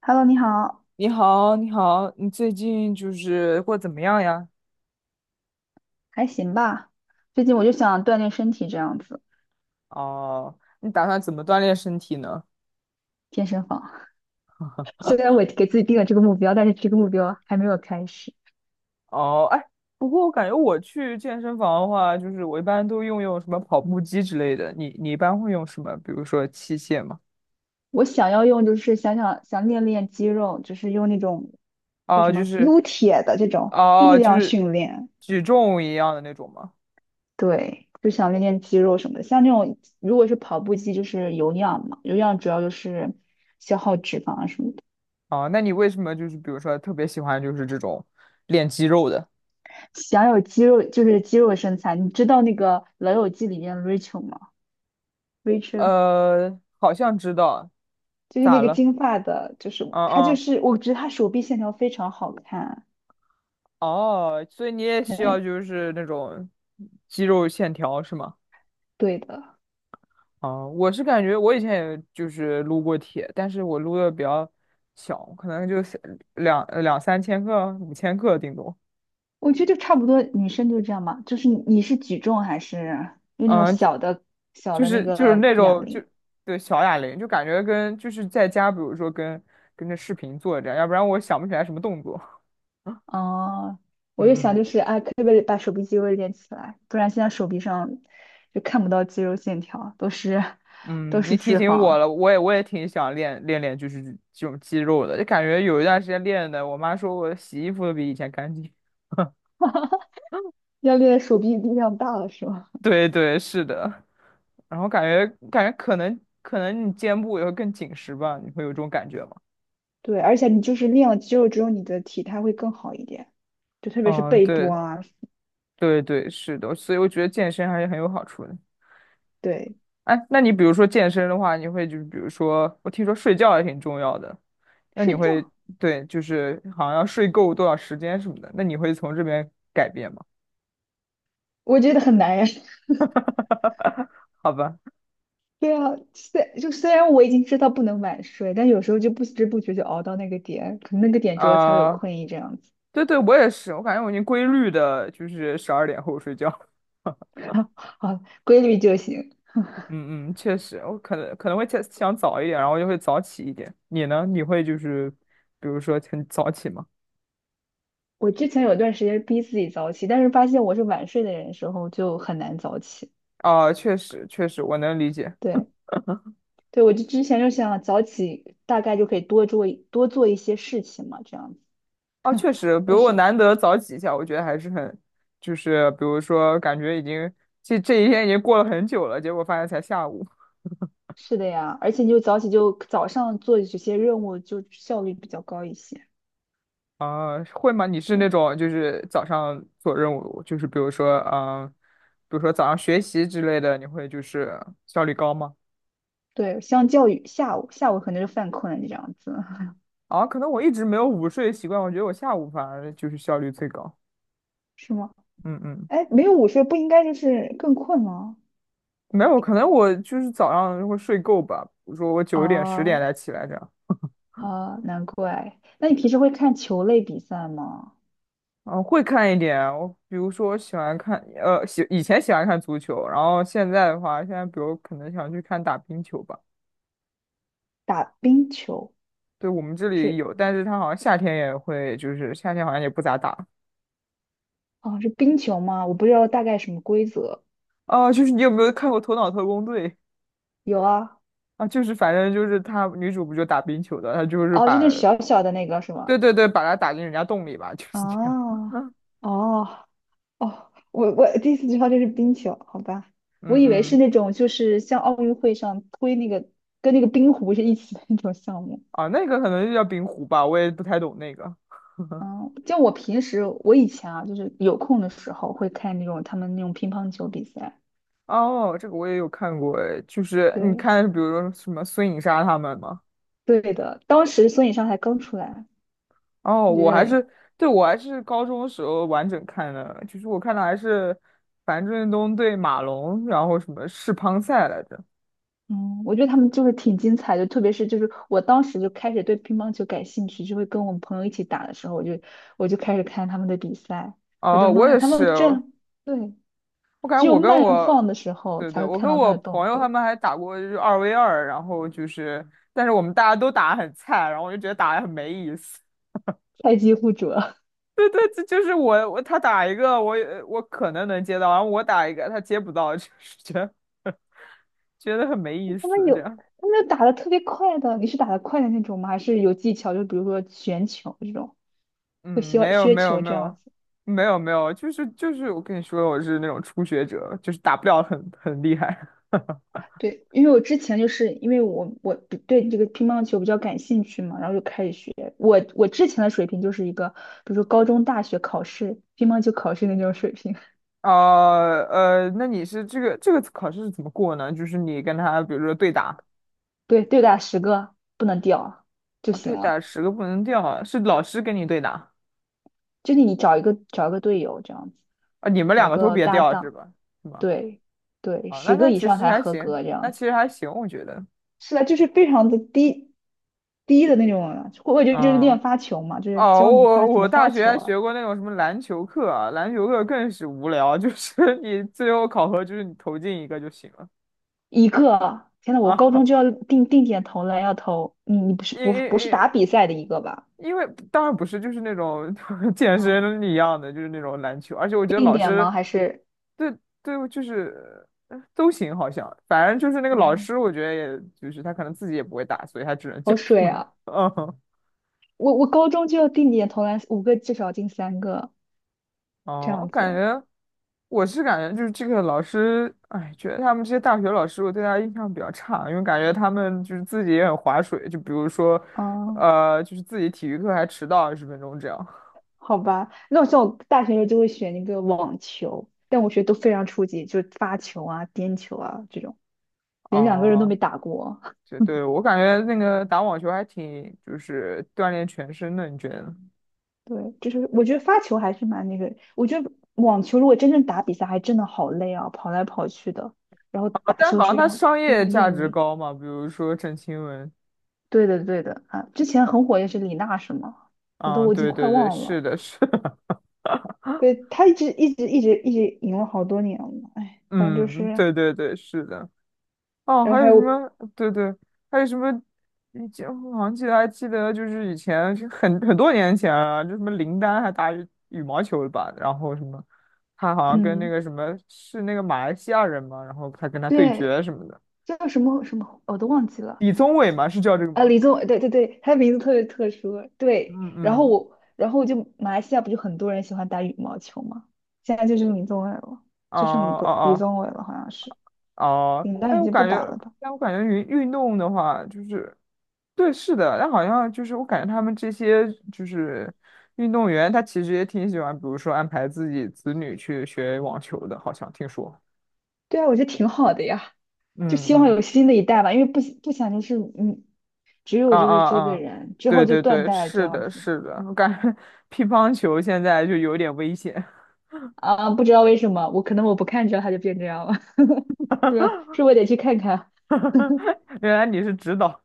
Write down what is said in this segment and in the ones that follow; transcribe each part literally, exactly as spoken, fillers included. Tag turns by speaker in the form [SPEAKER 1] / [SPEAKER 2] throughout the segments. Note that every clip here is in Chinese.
[SPEAKER 1] Hello，你好。
[SPEAKER 2] 你好，你好，你最近就是过得怎么样呀？
[SPEAKER 1] 还行吧？最近我就想锻炼身体，这样子，
[SPEAKER 2] 哦，你打算怎么锻炼身体呢？
[SPEAKER 1] 健身房。虽然我给自己定了这个目标，但是这个目标还没有开始。
[SPEAKER 2] 哦，哎，不过我感觉我去健身房的话，就是我一般都用用什么跑步机之类的。你你一般会用什么？比如说器械吗？
[SPEAKER 1] 我想要用，就是想想想练练肌肉，就是用那种叫
[SPEAKER 2] 哦，
[SPEAKER 1] 什
[SPEAKER 2] 就
[SPEAKER 1] 么
[SPEAKER 2] 是
[SPEAKER 1] 撸铁的这种力
[SPEAKER 2] 哦，就
[SPEAKER 1] 量
[SPEAKER 2] 是
[SPEAKER 1] 训练。
[SPEAKER 2] 举重一样的那种吗？
[SPEAKER 1] 对，就想练练肌肉什么的。像那种如果是跑步机，就是有氧嘛，有氧主要就是消耗脂肪啊什么的。
[SPEAKER 2] 哦，那你为什么就是比如说特别喜欢就是这种练肌肉的？
[SPEAKER 1] 想有肌肉，就是肌肉身材。你知道那个《老友记》里面 Rachel 吗？Rachel
[SPEAKER 2] 呃，好像知道。
[SPEAKER 1] 就是那
[SPEAKER 2] 咋
[SPEAKER 1] 个
[SPEAKER 2] 了？
[SPEAKER 1] 金发的，就是
[SPEAKER 2] 嗯
[SPEAKER 1] 他就
[SPEAKER 2] 嗯。
[SPEAKER 1] 是我觉得他手臂线条非常好看。
[SPEAKER 2] 哦，所以你也需要
[SPEAKER 1] 对，
[SPEAKER 2] 就是那种肌肉线条是吗？
[SPEAKER 1] 对的，
[SPEAKER 2] 哦，我是感觉我以前也就是撸过铁，但是我撸的比较小，可能就是两两三千克、五千克顶多。
[SPEAKER 1] 我觉得就差不多，女生就这样嘛。就是你你是举重还是用那种
[SPEAKER 2] 嗯，
[SPEAKER 1] 小的小
[SPEAKER 2] 就
[SPEAKER 1] 的那
[SPEAKER 2] 是就是
[SPEAKER 1] 个
[SPEAKER 2] 那
[SPEAKER 1] 哑
[SPEAKER 2] 种就
[SPEAKER 1] 铃？
[SPEAKER 2] 对小哑铃，就感觉跟就是在家，比如说跟跟着视频做这样，要不然我想不起来什么动作。
[SPEAKER 1] 哦，我就
[SPEAKER 2] 嗯
[SPEAKER 1] 想
[SPEAKER 2] 嗯
[SPEAKER 1] 就是啊，可不可以把手臂肌肉练起来？不然现在手臂上就看不到肌肉线条，都是都
[SPEAKER 2] 嗯，你
[SPEAKER 1] 是
[SPEAKER 2] 提
[SPEAKER 1] 脂
[SPEAKER 2] 醒我
[SPEAKER 1] 肪。
[SPEAKER 2] 了，我也我也挺想练练练，就是这种肌肉的，就感觉有一段时间练的，我妈说我洗衣服都比以前干净。
[SPEAKER 1] 要练手臂力量大了是吧？
[SPEAKER 2] 对对，是的。然后感觉感觉可能可能你肩部也会更紧实吧，你会有这种感觉吗？
[SPEAKER 1] 对，而且你就是练了肌肉之后，你的体态会更好一点。就特别是
[SPEAKER 2] 嗯，
[SPEAKER 1] 背部
[SPEAKER 2] 对
[SPEAKER 1] 啊。
[SPEAKER 2] 对对，是的，所以我觉得健身还是很有好处的。
[SPEAKER 1] 对，
[SPEAKER 2] 哎，那你比如说健身的话，你会就是比如说，我听说睡觉也挺重要的，那你
[SPEAKER 1] 睡
[SPEAKER 2] 会，
[SPEAKER 1] 觉，
[SPEAKER 2] 对，就是好像要睡够多少时间什么的，那你会从这边改变吗？
[SPEAKER 1] 我觉得很难呀。
[SPEAKER 2] 好吧。
[SPEAKER 1] 对啊，虽就虽然我已经知道不能晚睡，但有时候就不知不觉就熬到那个点，可能那个点之后才会有
[SPEAKER 2] 啊，
[SPEAKER 1] 困意这样子。
[SPEAKER 2] 对对，我也是，我感觉我已经规律的，就是十二点后睡觉。
[SPEAKER 1] 啊，规律就行。
[SPEAKER 2] 嗯嗯，确实，我可能可能会想想早一点，然后就会早起一点。你呢？你会就是，比如说很早起吗？
[SPEAKER 1] 我之前有段时间逼自己早起，但是发现我是晚睡的人的时候就很难早起。
[SPEAKER 2] 啊，确实确实，我能理解。
[SPEAKER 1] 对，对，我就之前就想早起大概就可以多做一多做一些事情嘛，这样子。
[SPEAKER 2] 啊，确实，比
[SPEAKER 1] 但
[SPEAKER 2] 如我
[SPEAKER 1] 是
[SPEAKER 2] 难得早起一下，我觉得还是很，就是比如说感觉已经这这一天已经过了很久了，结果发现才下午。
[SPEAKER 1] 是的呀，而且你就早起就早上做这些任务就效率比较高一些。
[SPEAKER 2] 啊，会吗？你是那
[SPEAKER 1] 对。
[SPEAKER 2] 种就是早上做任务，就是比如说啊，比如说早上学习之类的，你会就是效率高吗？
[SPEAKER 1] 对，相较于下午，下午可能就犯困了，你这样子。
[SPEAKER 2] 啊，可能我一直没有午睡习惯，我觉得我下午反而就是效率最高。
[SPEAKER 1] 是吗？
[SPEAKER 2] 嗯嗯，
[SPEAKER 1] 哎，没有午睡不应该就是更困吗？
[SPEAKER 2] 没有，可能我就是早上会睡够吧，比如说我九点十点
[SPEAKER 1] 哦
[SPEAKER 2] 才起来这样。
[SPEAKER 1] 哦，难怪。那你平时会看球类比赛吗？
[SPEAKER 2] 啊，会看一点啊，我比如说我喜欢看，呃，喜以前喜欢看足球，然后现在的话，现在比如可能想去看打冰球吧。
[SPEAKER 1] 打冰球
[SPEAKER 2] 对，我们这里
[SPEAKER 1] 是。
[SPEAKER 2] 有，但是他好像夏天也会，就是夏天好像也不咋打。
[SPEAKER 1] 哦，是冰球吗？我不知道大概什么规则。
[SPEAKER 2] 哦，就是你有没有看过《头脑特工队》
[SPEAKER 1] 有啊。
[SPEAKER 2] 啊？就是反正就是她女主不就打冰球的，她就是
[SPEAKER 1] 哦，就
[SPEAKER 2] 把，
[SPEAKER 1] 那小小的那个是吗？
[SPEAKER 2] 对对对，把她打进人家洞里吧，就是这样。
[SPEAKER 1] 哦哦哦，我我第一次知道这是冰球，好吧。我
[SPEAKER 2] 嗯
[SPEAKER 1] 以为是
[SPEAKER 2] 嗯。
[SPEAKER 1] 那种就是像奥运会上推那个跟那个冰壶是一起的那种项目。
[SPEAKER 2] 啊，那个可能就叫冰壶吧，我也不太懂那个。
[SPEAKER 1] 嗯，就我平时我以前啊，就是有空的时候会看那种他们那种乒乓球比赛。
[SPEAKER 2] 哦，这个我也有看过，哎，就是你
[SPEAKER 1] 对，
[SPEAKER 2] 看，比如说什么孙颖莎他们吗？
[SPEAKER 1] 对的，当时孙颖莎才刚出来，
[SPEAKER 2] 哦，
[SPEAKER 1] 我觉
[SPEAKER 2] 我还
[SPEAKER 1] 得。
[SPEAKER 2] 是，对，我还是高中的时候完整看的，就是我看的还是樊振东对马龙，然后什么世乒赛来着。
[SPEAKER 1] 嗯，我觉得他们就是挺精彩的，特别是就是我当时就开始对乒乓球感兴趣，就会跟我们朋友一起打的时候，我就我就开始看他们的比赛。我的
[SPEAKER 2] 哦，我
[SPEAKER 1] 妈呀，
[SPEAKER 2] 也
[SPEAKER 1] 他
[SPEAKER 2] 是，
[SPEAKER 1] 们这，对，
[SPEAKER 2] 我感
[SPEAKER 1] 只
[SPEAKER 2] 觉
[SPEAKER 1] 有
[SPEAKER 2] 我跟
[SPEAKER 1] 慢
[SPEAKER 2] 我，
[SPEAKER 1] 放的时候
[SPEAKER 2] 对
[SPEAKER 1] 才
[SPEAKER 2] 对，
[SPEAKER 1] 会
[SPEAKER 2] 我
[SPEAKER 1] 看
[SPEAKER 2] 跟
[SPEAKER 1] 到他
[SPEAKER 2] 我
[SPEAKER 1] 的动
[SPEAKER 2] 朋友他
[SPEAKER 1] 作，
[SPEAKER 2] 们还打过就是二 v 二，然后就是，但是我们大家都打得很菜，然后我就觉得打得很没意思。
[SPEAKER 1] 菜鸡互啄。
[SPEAKER 2] 对对，这就是我我他打一个我也我可能能接到，然后我打一个他接不到，就是觉得觉得很没意
[SPEAKER 1] 他们
[SPEAKER 2] 思
[SPEAKER 1] 有
[SPEAKER 2] 这样。
[SPEAKER 1] 他们有打的特别快的，你是打的快的那种吗？还是有技巧？就比如说旋球这种，
[SPEAKER 2] 嗯，
[SPEAKER 1] 会
[SPEAKER 2] 没
[SPEAKER 1] 削
[SPEAKER 2] 有
[SPEAKER 1] 削
[SPEAKER 2] 没有
[SPEAKER 1] 球
[SPEAKER 2] 没
[SPEAKER 1] 这样
[SPEAKER 2] 有
[SPEAKER 1] 子。
[SPEAKER 2] 没有没有，就是就是我跟你说，我是那种初学者，就是打不了很很厉害。
[SPEAKER 1] 对，因为我之前就是因为我我比对这个乒乓球比较感兴趣嘛，然后就开始学。我我之前的水平就是一个，比如说高中、大学考试乒乓球考试那种水平。
[SPEAKER 2] 呃呃，那你是这个这个考试是怎么过呢？就是你跟他，比如说对打
[SPEAKER 1] 对，对打十个不能掉就
[SPEAKER 2] 啊，对
[SPEAKER 1] 行
[SPEAKER 2] 打
[SPEAKER 1] 了。
[SPEAKER 2] 十个不能掉啊，是老师跟你对打
[SPEAKER 1] 就是你找一个找一个队友这样子，
[SPEAKER 2] 啊，你们
[SPEAKER 1] 找
[SPEAKER 2] 两个都
[SPEAKER 1] 个
[SPEAKER 2] 别
[SPEAKER 1] 搭
[SPEAKER 2] 掉是
[SPEAKER 1] 档。
[SPEAKER 2] 吧？是吗？
[SPEAKER 1] 对对，
[SPEAKER 2] 啊，那
[SPEAKER 1] 十个
[SPEAKER 2] 那
[SPEAKER 1] 以
[SPEAKER 2] 其
[SPEAKER 1] 上
[SPEAKER 2] 实
[SPEAKER 1] 才
[SPEAKER 2] 还
[SPEAKER 1] 合
[SPEAKER 2] 行，
[SPEAKER 1] 格这样
[SPEAKER 2] 那
[SPEAKER 1] 子。
[SPEAKER 2] 其实还行，我觉得。
[SPEAKER 1] 是啊，就是非常的低低的那种了。我觉得就是练
[SPEAKER 2] 嗯。
[SPEAKER 1] 发球嘛，就是
[SPEAKER 2] 哦，
[SPEAKER 1] 教你
[SPEAKER 2] 我
[SPEAKER 1] 发怎
[SPEAKER 2] 我
[SPEAKER 1] 么
[SPEAKER 2] 大
[SPEAKER 1] 发
[SPEAKER 2] 学
[SPEAKER 1] 球
[SPEAKER 2] 还
[SPEAKER 1] 啊。
[SPEAKER 2] 学过那种什么篮球课啊，篮球课更是无聊，就是 你最后考核就是你投进一个就行了。
[SPEAKER 1] 一个，天呐，我
[SPEAKER 2] 啊，
[SPEAKER 1] 高中就要定定点投篮，要投你你不是
[SPEAKER 2] 因因
[SPEAKER 1] 不不是打
[SPEAKER 2] 因
[SPEAKER 1] 比赛的一个吧？
[SPEAKER 2] 因为当然不是，就是那种 健
[SPEAKER 1] 啊，
[SPEAKER 2] 身一样的，就是那种篮球，而且我觉得
[SPEAKER 1] 定
[SPEAKER 2] 老
[SPEAKER 1] 点吗？
[SPEAKER 2] 师
[SPEAKER 1] 还是
[SPEAKER 2] 对对就是呃都行，好像反正就是那个老
[SPEAKER 1] 嗯，
[SPEAKER 2] 师，我觉得也就是他可能自己也不会打，所以他只能教
[SPEAKER 1] 好
[SPEAKER 2] 什
[SPEAKER 1] 水
[SPEAKER 2] 么的。
[SPEAKER 1] 啊？
[SPEAKER 2] 嗯。
[SPEAKER 1] 我我高中就要定点投篮五个，至少进三个这
[SPEAKER 2] 哦，
[SPEAKER 1] 样
[SPEAKER 2] 我感
[SPEAKER 1] 子。
[SPEAKER 2] 觉我是感觉就是这个老师，哎，觉得他们这些大学老师，我对他印象比较差，因为感觉他们就是自己也很划水，就比如说，
[SPEAKER 1] 啊，
[SPEAKER 2] 呃，就是自己体育课还迟到二十分钟这样。
[SPEAKER 1] 好吧，那我像我大学时候就会选那个网球，但我学都非常初级，就是发球啊、颠球啊这种，连两个人都没
[SPEAKER 2] 哦，
[SPEAKER 1] 打过。
[SPEAKER 2] 对对，我感觉那个打网球还挺就是锻炼全身的，你觉得呢？
[SPEAKER 1] 对，就是我觉得发球还是蛮那个，我觉得网球如果真正打比赛，还真的好累啊，跑来跑去的，然后
[SPEAKER 2] 啊，
[SPEAKER 1] 打
[SPEAKER 2] 但
[SPEAKER 1] 球
[SPEAKER 2] 好像
[SPEAKER 1] 是
[SPEAKER 2] 它
[SPEAKER 1] 要
[SPEAKER 2] 商
[SPEAKER 1] 非
[SPEAKER 2] 业
[SPEAKER 1] 常
[SPEAKER 2] 价
[SPEAKER 1] 用
[SPEAKER 2] 值
[SPEAKER 1] 力。
[SPEAKER 2] 高嘛，比如说郑钦文。
[SPEAKER 1] 对的，对的啊，之前很火也是李娜是吗？我都
[SPEAKER 2] 啊，
[SPEAKER 1] 我已经
[SPEAKER 2] 对
[SPEAKER 1] 快
[SPEAKER 2] 对对，
[SPEAKER 1] 忘了。
[SPEAKER 2] 是的，是的。
[SPEAKER 1] 对，她一直一直一直一直赢了好多年了，哎，反正就
[SPEAKER 2] 嗯，
[SPEAKER 1] 是，
[SPEAKER 2] 对对对，是的。哦，
[SPEAKER 1] 然
[SPEAKER 2] 还
[SPEAKER 1] 后还
[SPEAKER 2] 有什
[SPEAKER 1] 有
[SPEAKER 2] 么？对对，还有什么？以前我好像记得还记得，就是以前就很很多年前啊，就什么林丹还打羽羽毛球的吧，然后什么，他好像跟那
[SPEAKER 1] 嗯，
[SPEAKER 2] 个什么是那个马来西亚人嘛，然后他跟他对
[SPEAKER 1] 对，
[SPEAKER 2] 决什么的。
[SPEAKER 1] 叫什么什么我都忘记了。
[SPEAKER 2] 李宗伟嘛，是叫这个
[SPEAKER 1] 啊，
[SPEAKER 2] 吗？
[SPEAKER 1] 李宗伟，对对对，他的名字特别特殊，对。
[SPEAKER 2] 嗯
[SPEAKER 1] 然后
[SPEAKER 2] 嗯。
[SPEAKER 1] 我，然后我就马来西亚不就很多人喜欢打羽毛球吗？现在就是李宗伟了，
[SPEAKER 2] 哦
[SPEAKER 1] 就剩李宗李
[SPEAKER 2] 哦
[SPEAKER 1] 宗伟了，好像是。
[SPEAKER 2] 哦哦，
[SPEAKER 1] 林丹
[SPEAKER 2] 哎，
[SPEAKER 1] 已
[SPEAKER 2] 我
[SPEAKER 1] 经不
[SPEAKER 2] 感觉，
[SPEAKER 1] 打了吧？
[SPEAKER 2] 但我感觉运运动的话，就是对，是的，但好像就是我感觉他们这些就是运动员，他其实也挺喜欢，比如说安排自己子女去学网球的，好像听说。
[SPEAKER 1] 对啊，我觉得挺好的呀，就
[SPEAKER 2] 嗯
[SPEAKER 1] 希望
[SPEAKER 2] 嗯。
[SPEAKER 1] 有新的一代吧，因为不不想就是嗯，只有
[SPEAKER 2] 啊
[SPEAKER 1] 就是
[SPEAKER 2] 啊
[SPEAKER 1] 这个
[SPEAKER 2] 啊，
[SPEAKER 1] 人之后
[SPEAKER 2] 对
[SPEAKER 1] 就
[SPEAKER 2] 对
[SPEAKER 1] 断
[SPEAKER 2] 对，
[SPEAKER 1] 代了这
[SPEAKER 2] 是
[SPEAKER 1] 样
[SPEAKER 2] 的，
[SPEAKER 1] 子。
[SPEAKER 2] 是的，我感觉 乒乓球现在就有点危险。
[SPEAKER 1] 啊，不知道为什么，我可能我不看着他就变这样了，是不是？是我得去看看。
[SPEAKER 2] 原来你是指导。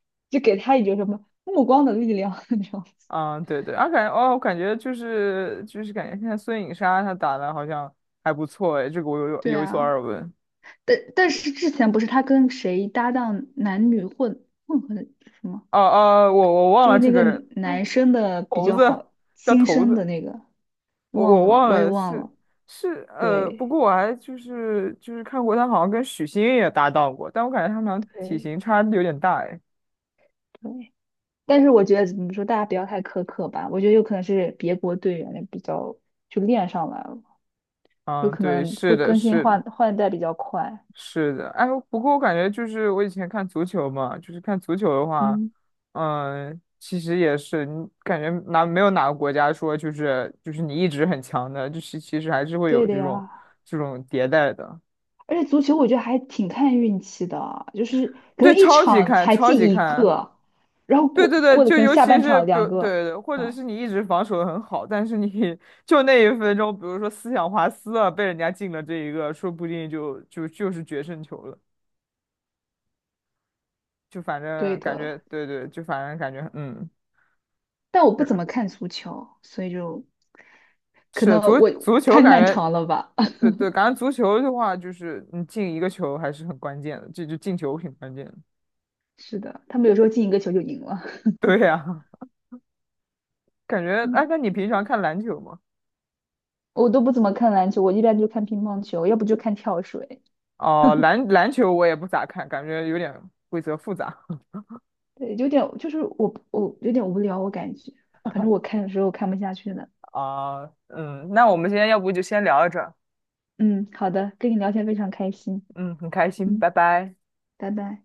[SPEAKER 1] 就给他一种什么目光的力量 那种。
[SPEAKER 2] 啊，对对。啊，感觉哦，我感觉就是就是感觉现在孙颖莎她打的好像还不错哎，这个我有
[SPEAKER 1] 对
[SPEAKER 2] 有一所
[SPEAKER 1] 啊，
[SPEAKER 2] 耳闻。
[SPEAKER 1] 但但是之前不是他跟谁搭档男女混混合的什么？
[SPEAKER 2] 哦，哦，我我忘
[SPEAKER 1] 就是
[SPEAKER 2] 了
[SPEAKER 1] 那
[SPEAKER 2] 这
[SPEAKER 1] 个
[SPEAKER 2] 个人。嗯，
[SPEAKER 1] 男生的比
[SPEAKER 2] 头
[SPEAKER 1] 较
[SPEAKER 2] 子
[SPEAKER 1] 好，
[SPEAKER 2] 叫
[SPEAKER 1] 新
[SPEAKER 2] 头
[SPEAKER 1] 生的
[SPEAKER 2] 子，
[SPEAKER 1] 那个
[SPEAKER 2] 我我
[SPEAKER 1] 忘了，
[SPEAKER 2] 忘
[SPEAKER 1] 我也
[SPEAKER 2] 了。
[SPEAKER 1] 忘
[SPEAKER 2] 是
[SPEAKER 1] 了。
[SPEAKER 2] 是呃，不
[SPEAKER 1] 对
[SPEAKER 2] 过我还就是就是看过他好像跟许昕也搭档过，但我感觉他们俩体
[SPEAKER 1] 对
[SPEAKER 2] 型差的有点大哎。
[SPEAKER 1] 对，但是我觉得怎么说，大家不要太苛刻吧。我觉得有可能是别国队员的比较就练上来了，有
[SPEAKER 2] 嗯，
[SPEAKER 1] 可
[SPEAKER 2] 对，
[SPEAKER 1] 能
[SPEAKER 2] 是
[SPEAKER 1] 会
[SPEAKER 2] 的，
[SPEAKER 1] 更新
[SPEAKER 2] 是的
[SPEAKER 1] 换换代比较快。
[SPEAKER 2] 是的。哎，不过我感觉就是我以前看足球嘛，就是看足球的话，
[SPEAKER 1] 嗯，
[SPEAKER 2] 嗯，其实也是，你感觉哪没有哪个国家说就是就是你一直很强的，就是其实还是会
[SPEAKER 1] 对
[SPEAKER 2] 有
[SPEAKER 1] 的
[SPEAKER 2] 这种
[SPEAKER 1] 呀。
[SPEAKER 2] 这种迭代的。
[SPEAKER 1] 而且足球我觉得还挺看运气的，就是可
[SPEAKER 2] 对，
[SPEAKER 1] 能一
[SPEAKER 2] 超级
[SPEAKER 1] 场
[SPEAKER 2] 看，
[SPEAKER 1] 才
[SPEAKER 2] 超
[SPEAKER 1] 进
[SPEAKER 2] 级
[SPEAKER 1] 一
[SPEAKER 2] 看。
[SPEAKER 1] 个，然后
[SPEAKER 2] 对
[SPEAKER 1] 过
[SPEAKER 2] 对对，
[SPEAKER 1] 过了
[SPEAKER 2] 就
[SPEAKER 1] 可能
[SPEAKER 2] 尤
[SPEAKER 1] 下
[SPEAKER 2] 其
[SPEAKER 1] 半
[SPEAKER 2] 是
[SPEAKER 1] 场
[SPEAKER 2] 比如
[SPEAKER 1] 两
[SPEAKER 2] 对
[SPEAKER 1] 个，
[SPEAKER 2] 对，对或
[SPEAKER 1] 这
[SPEAKER 2] 者是
[SPEAKER 1] 样
[SPEAKER 2] 你一直防守得很好，但是你 就那一分钟，比如说思想滑丝了，被人家进了这一个，说不定就就就是决胜球了。就反
[SPEAKER 1] 对
[SPEAKER 2] 正感
[SPEAKER 1] 的。
[SPEAKER 2] 觉，对对，就反正感觉，嗯。
[SPEAKER 1] 但我不怎
[SPEAKER 2] 是
[SPEAKER 1] 么看足球，所以就可
[SPEAKER 2] 是
[SPEAKER 1] 能
[SPEAKER 2] 足
[SPEAKER 1] 我
[SPEAKER 2] 足球
[SPEAKER 1] 太
[SPEAKER 2] 感
[SPEAKER 1] 漫
[SPEAKER 2] 觉，
[SPEAKER 1] 长了吧。
[SPEAKER 2] 对对，感觉足球的话，就是你进一个球还是很关键的，这就进球挺关键的。
[SPEAKER 1] 是的，他们有时候进一个球就赢了。
[SPEAKER 2] 对呀。感 觉哎，
[SPEAKER 1] 嗯，
[SPEAKER 2] 那你平常看篮球吗？
[SPEAKER 1] 我都不怎么看篮球，我一般就看乒乓球，要不就看跳水。
[SPEAKER 2] 哦，篮篮球我也不咋看，感觉有点规则复杂。
[SPEAKER 1] 对，有点就是我我有点无聊，我感觉，反正我看的时候看不下去了。
[SPEAKER 2] 啊。嗯，那我们今天要不就先聊到这儿。
[SPEAKER 1] 嗯，好的，跟你聊天非常开心。
[SPEAKER 2] 嗯，很开心，
[SPEAKER 1] 嗯，
[SPEAKER 2] 拜拜。
[SPEAKER 1] 拜拜。